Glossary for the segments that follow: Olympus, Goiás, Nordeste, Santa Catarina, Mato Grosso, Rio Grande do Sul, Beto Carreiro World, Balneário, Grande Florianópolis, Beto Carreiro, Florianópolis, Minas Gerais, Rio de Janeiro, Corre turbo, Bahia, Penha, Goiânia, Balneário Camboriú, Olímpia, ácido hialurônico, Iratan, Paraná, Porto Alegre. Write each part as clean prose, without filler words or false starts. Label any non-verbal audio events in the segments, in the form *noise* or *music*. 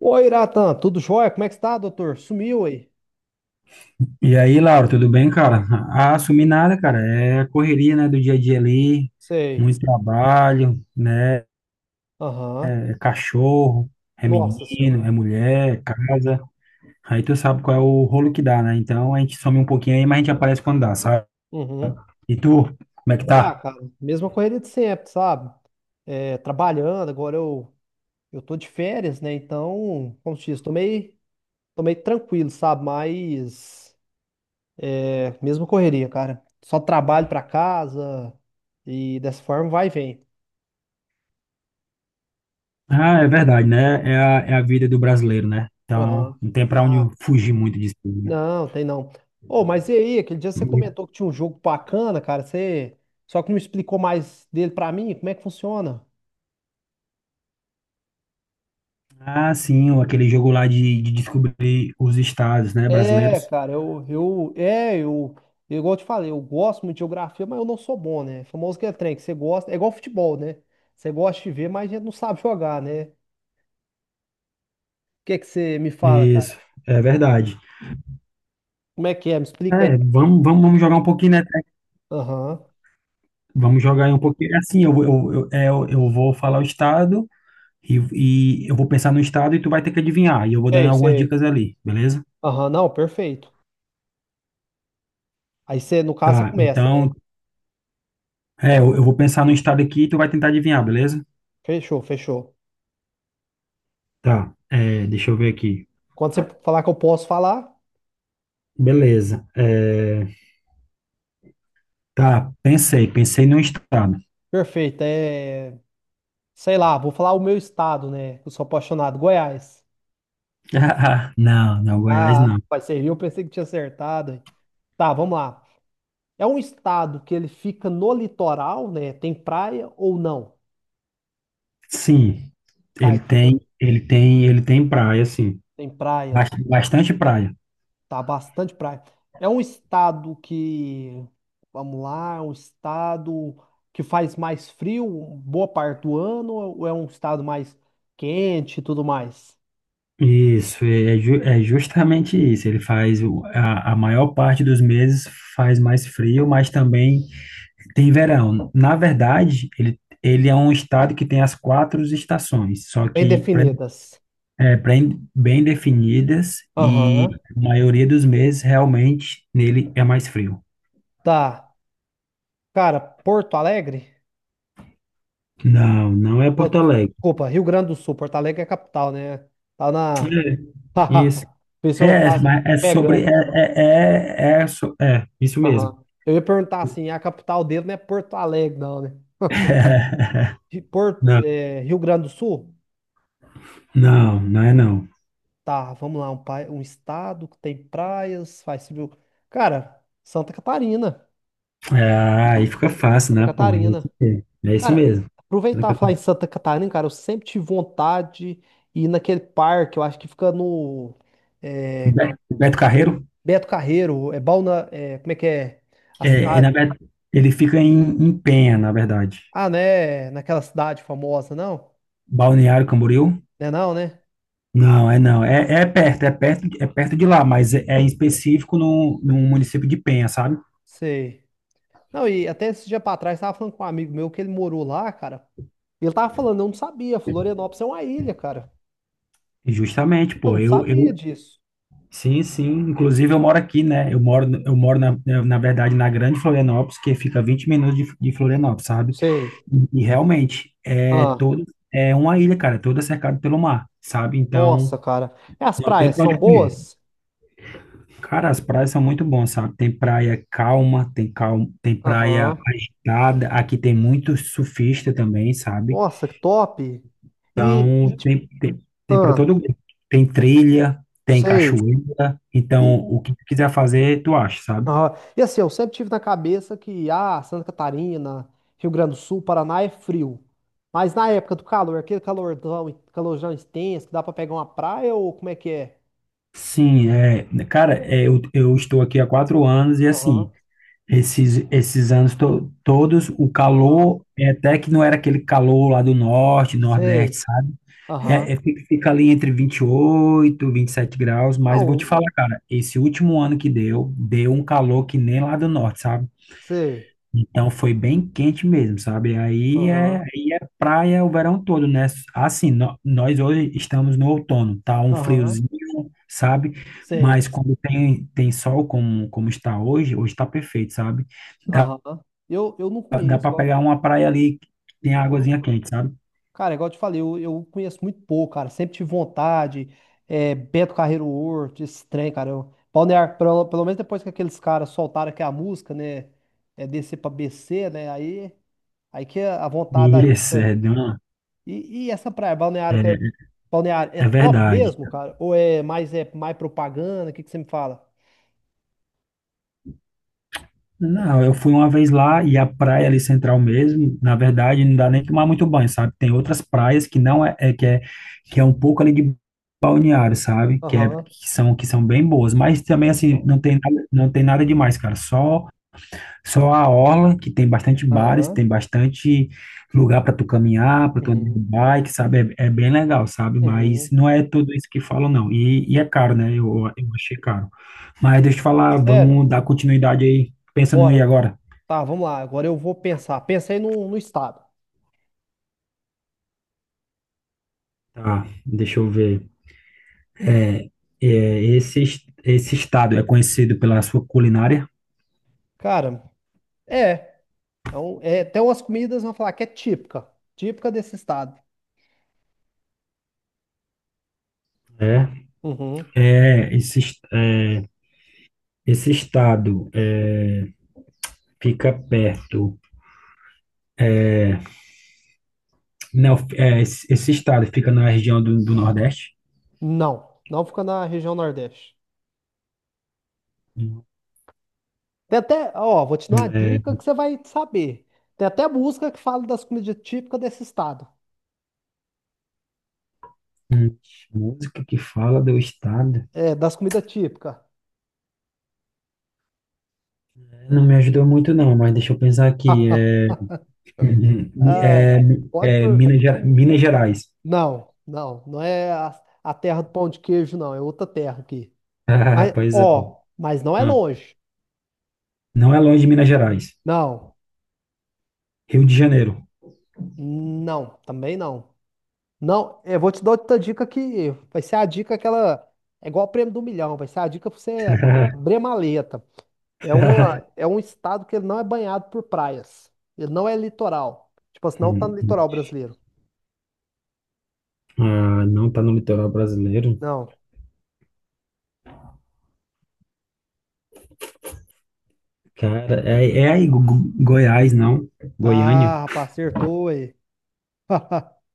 Oi, Iratan, tudo jóia? Como é que está, doutor? Sumiu aí? E aí, Laura, tudo bem, cara? Ah, assumir nada, cara. É correria, né, do dia a dia ali, Sei. muito trabalho, né? Aham. É cachorro, é Nossa senhora. menino, é mulher, é casa. Aí tu sabe qual é o rolo que dá, né? Então a gente some um pouquinho aí, mas a gente aparece quando dá, sabe? Uhum. E tu, como é que Ah, tá? cara, mesma correria de sempre, sabe? É, trabalhando, agora eu tô de férias, né? Então, como se diz, tô meio tranquilo, sabe? Mas, é, mesma correria, cara. Só trabalho pra casa e dessa forma vai e vem. Ah, é verdade, né? É a vida do brasileiro, né? Então Aham. não tem pra onde fugir muito disso, né? Não, tem não. Ô, mas e aí, aquele dia você comentou que tinha um jogo bacana, cara. Você só que não explicou mais dele pra mim, como é que funciona? Ah, sim, aquele jogo lá de descobrir os estados, né, É, brasileiros. cara, eu, eu, é, eu, eu, igual eu te falei, eu gosto muito de geografia, mas eu não sou bom, né? Famoso que é trem, que você gosta, é igual futebol, né? Você gosta de ver, mas a gente não sabe jogar, né? O que que você me fala, cara? Isso, é verdade. Como é que é? Me explica aí. É, vamos jogar um pouquinho, né? Aham. Vamos jogar aí um pouquinho. Assim, eu, é, eu vou falar o estado e, e eu vou pensar no estado e tu vai ter que adivinhar. E eu vou dando Sei, algumas sei. dicas ali, beleza? Aham, não, perfeito. Aí, no caso, você Tá, começa, né? então, é, eu vou pensar no estado aqui e tu vai tentar adivinhar, beleza? Fechou, fechou. Tá, é, deixa eu ver aqui. Quando você falar que eu posso falar. Beleza. Tá, pensei no estado. Perfeito. É, sei lá, vou falar o meu estado, né? Que eu sou apaixonado. Goiás. *laughs* Não, Goiás Ah, não. vai servir, eu pensei que tinha acertado, hein? Tá, vamos lá. É um estado que ele fica no litoral, né? Tem praia ou não? Sim, Tá, ele ele fica- tem, ele tem, ele tem praia, sim. Tem praia. Bastante praia. Tá, bastante praia. É um estado que, vamos lá, é um estado que faz mais frio boa parte do ano ou é um estado mais quente e tudo mais? Isso, é justamente isso. Ele faz o- a maior parte dos meses faz mais frio, mas também tem verão. Na verdade, ele é um estado que tem as quatro estações, só Bem que definidas. Bem definidas e Aham. a maioria dos meses realmente nele é mais frio. Tá. Cara, Porto Alegre? Não, não é Não, Porto Alegre. desculpa, Rio Grande do Sul. Porto Alegre é a capital, né? Tá na. É, isso. *laughs* O pessoal É, tá mas é *laughs* sobre. pegando. Isso mesmo. Aham. Eu ia perguntar assim: a capital dele não é Porto Alegre, não, né? *laughs* Não, Rio Grande do Sul? não, não é não. Tá, vamos lá. Um, pai, um estado que tem praias, faz civil. Cara, Santa Catarina. Ah, aí fica fácil, Santa né, pô? Catarina. É isso Cara, mesmo. aproveitar e falar em Santa Catarina, cara, eu sempre tive vontade de ir naquele parque, eu acho que fica no. O é, Be- o Beto Carreiro, Beto Carreiro, é como é que é? A cidade. na verdade, ele fica em, em Penha, na verdade. Ah, né? Naquela cidade famosa, não? Balneário Camboriú? Né, não, né? Não, é não. É perto de lá, mas é, é em específico no município de Penha, sabe? Sei. Não, e até esse dia pra trás, tava falando com um amigo meu que ele morou lá, cara. E ele tava falando, eu não sabia, Florianópolis é uma ilha, cara. Justamente, Eu pô. não sabia disso. Sim, sim. Inclusive eu moro aqui, né? Na verdade, na Grande Florianópolis, que fica 20 minutos de Florianópolis, sabe? Sei. E realmente, Ah, é uma ilha, cara, é toda cercada pelo mar, sabe? Então, nossa, cara. E as não tem praias pra são onde correr. boas? Cara, as praias são muito boas, sabe? Tem praia calma, tem praia Aham. agitada. Aqui tem muito surfista também, sabe? Nossa, que top. E, e Então, tipo, tem para ah, todo mundo. Tem trilha, tem sei. cachoeira. Então, E, o que tu quiser fazer, tu acha, sabe? ah, e assim, eu sempre tive na cabeça que, ah, Santa Catarina, Rio Grande do Sul, Paraná é frio. Mas na época do calor, aquele calorão, calorão extenso, que dá pra pegar uma praia ou como é que é? Sim, é, cara, é, eu estou aqui há quatro anos e Aham, assim, esses todos, o aham, calor, é até que não era aquele calor lá do norte, nordeste, sei, sabe? Aham. Fica ali entre vinte vinte e oito vinte e sete graus, Ah, mas eu vou um, te falar, um- cara, esse último ano que deu, deu um calor que nem lá do norte, sabe? sei, Então foi bem quente mesmo, sabe? Aham, Aí é praia o verão todo, né? Assim, nós hoje estamos no outono, tá um aham, friozinho, sabe? Mas sei, quando tem sol como, como está hoje, hoje está perfeito, sabe? aham. Eu não Dá conheço. para pegar uma praia ali que tem águazinha quente, sabe? Cara, igual eu te falei, eu conheço muito pouco, cara. Sempre tive vontade. É, Beto Carreiro World, esse trem, cara. Eu, Balneário, pelo menos depois que aqueles caras soltaram aqui a música, né? É descer pra BC, né? Aí, que a vontade da gente. Isso, é, de uma- E essa praia, é, Balneário, é é top verdade. mesmo, cara? Ou é mais propaganda? O que que você me fala? Não, eu fui uma vez lá e a praia ali central mesmo, na verdade, não dá nem tomar muito banho, sabe? Tem outras praias que não é, é- que é que é um pouco ali de balneário, sabe? Que, Aham, que são bem boas, mas também assim, não tem nada demais, cara. Só a orla, que tem bastante bares, aham, tem bastante lugar para tu caminhar, para tu andar de uhum, bike, sabe? É bem legal, sabe? Mas uhum. não é tudo isso que falam, não. E é caro, né? Eu achei caro. Mas deixa eu te falar, Sério? vamos dar continuidade aí. Pensa no ir Bora. agora. Tá, vamos lá. Agora eu vou pensar. Pensei no estado. Tá, deixa eu ver. É, esse estado é conhecido pela sua culinária? Cara, é. Então, é, até umas comidas vão falar que é típica, típica desse estado. É. Uhum. É, esse, es- é, esse estado é, fica perto. Não, esse estado fica na região do Nordeste. Não, não fica na região Nordeste. Hum. Tem até, ó, vou te dar uma É, dica que você vai saber. Tem até música que fala das comidas típicas desse estado. hum, música que fala do estado. É, das comidas típicas. Não me ajudou muito, não, mas deixa eu pensar aqui. *laughs* Ah, *laughs* é, pode é por. Minas Gerais. *laughs* Não, não é a terra do pão de queijo, não, é outra terra aqui. Ah, Mas, pois é. ó, mas não é Não, longe. não é longe de Minas Gerais. Não, Rio de Janeiro. não, também não. Não, é, eu vou te dar outra dica que vai ser a dica aquela. É igual o prêmio do milhão, vai ser a dica pra você abrir a *laughs* maleta. É um estado que ele não é banhado por praias. Ele não é litoral. Tipo assim, não tá no hum. litoral brasileiro. Ah, não tá no litoral brasileiro. Não. Cara, Goiás, não? Goiânia. Ah, rapaz, acertou aí. *laughs*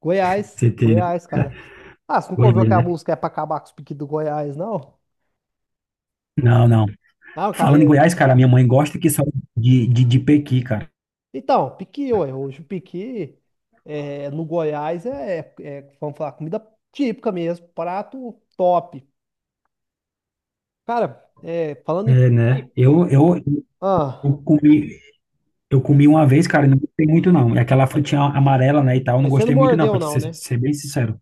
Goiás, CT, né? Goiás, cara. *laughs* Ah, você nunca ouviu Goiânia, que a né? música é pra acabar com os piques do Goiás, não? Não, não. Não, Falando em carreira. Goiás, cara, minha mãe gosta que salada de pequi, cara. Então, piqui, ué, hoje o piqui é, no Goiás é, é, é, vamos falar, comida típica mesmo, prato top. Cara, é, falando em É, né? piqui, ah, eu comi, eu comi uma vez, cara, e não gostei muito, não. É aquela frutinha amarela, né, e tal, eu não mas você não gostei muito, não, mordeu pra te não, ser, né? ser bem sincero.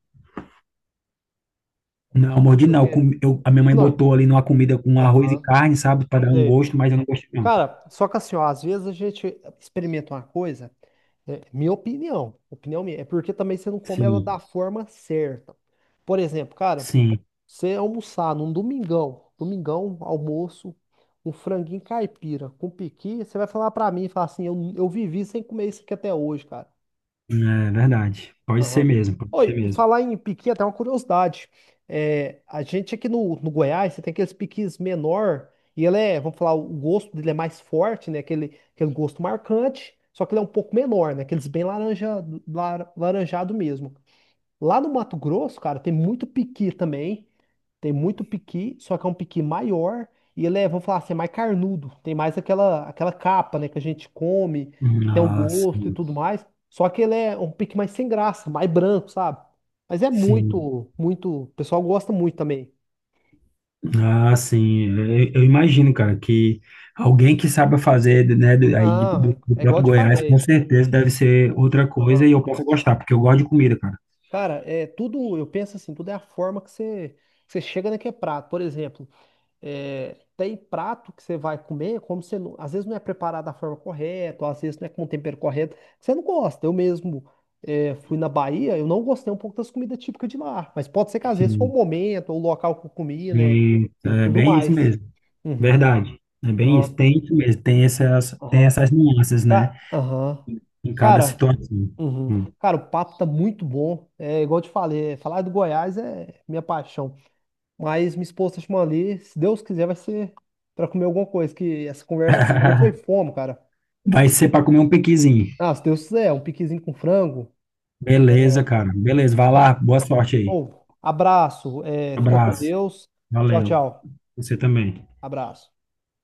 Não, mordi não. Porque, A minha mãe não, botou ali numa comida com arroz e aham, carne, sabe, pra dar um sei. gosto, mas eu não gostei, não. Cara, só que assim, ó, às vezes a gente experimenta uma coisa. É, opinião minha, é porque também você não come ela da Sim, forma certa. Por exemplo, cara, sim, você almoçar num domingão, almoço, um franguinho caipira com piqui, você vai falar pra mim e falar assim, eu vivi sem comer isso aqui até hoje, cara. é verdade. Aham. Pode ser Oi, e mesmo. falar em piqui, até uma curiosidade. É, a gente aqui no Goiás, você tem aqueles piquis menor, e ele é, vamos falar, o gosto dele é mais forte, né? Aquele, aquele gosto marcante, só que ele é um pouco menor, né? Aqueles bem laranjado mesmo. Lá no Mato Grosso, cara, tem muito piqui também. Tem muito piqui, só que é um piqui maior e ele é, vamos falar assim, é mais carnudo. Tem mais aquela, aquela capa, né, que a gente come, que tem um Nossa, gosto e tudo mais. Só que ele é um piqui mais sem graça, mais branco, sabe? Mas é sim. muito, muito. O pessoal gosta muito também. Ah, sim, eu imagino, cara, que alguém que saiba fazer, né, do, aí de- Ah, do, do é, é igual próprio eu te Goiás, com falei. certeza deve ser O- outra coisa e aham. eu posso gostar, porque eu gosto de comida, cara. Cara, é tudo, eu penso assim, tudo é a forma que você chega naquele prato. Por exemplo, é, tem prato que você vai comer, como você não- às vezes não é preparado da forma correta, ou às vezes não é com o tempero correto, que você não gosta. Eu mesmo fui na Bahia, eu não gostei um pouco das comidas típicas de lá, mas pode ser que às vezes foi o Sim, momento, ou o local que eu comi, né, e e é tudo bem isso mais. mesmo, Uhum. verdade. É bem isso, Aham. tem isso mesmo, tem Aham. essas nuances, né, Aham. em cada Cara, situação. uhum. Hum. Cara, o papo tá muito bom. É igual eu te falei, falar do Goiás é minha paixão. Mas minha esposa chamou ali, se Deus quiser, vai ser pra comer alguma coisa, que essa conversa eu foi *laughs* fome, cara. Vai ser para comer um piquizinho. Ah, se Deus quiser, um piquezinho com frango. Beleza, cara, beleza, vai lá, Só- boa sorte aí. Ô, abraço, é, fica com Abraço, Deus. Tchau, valeu, tchau. você também. Abraço.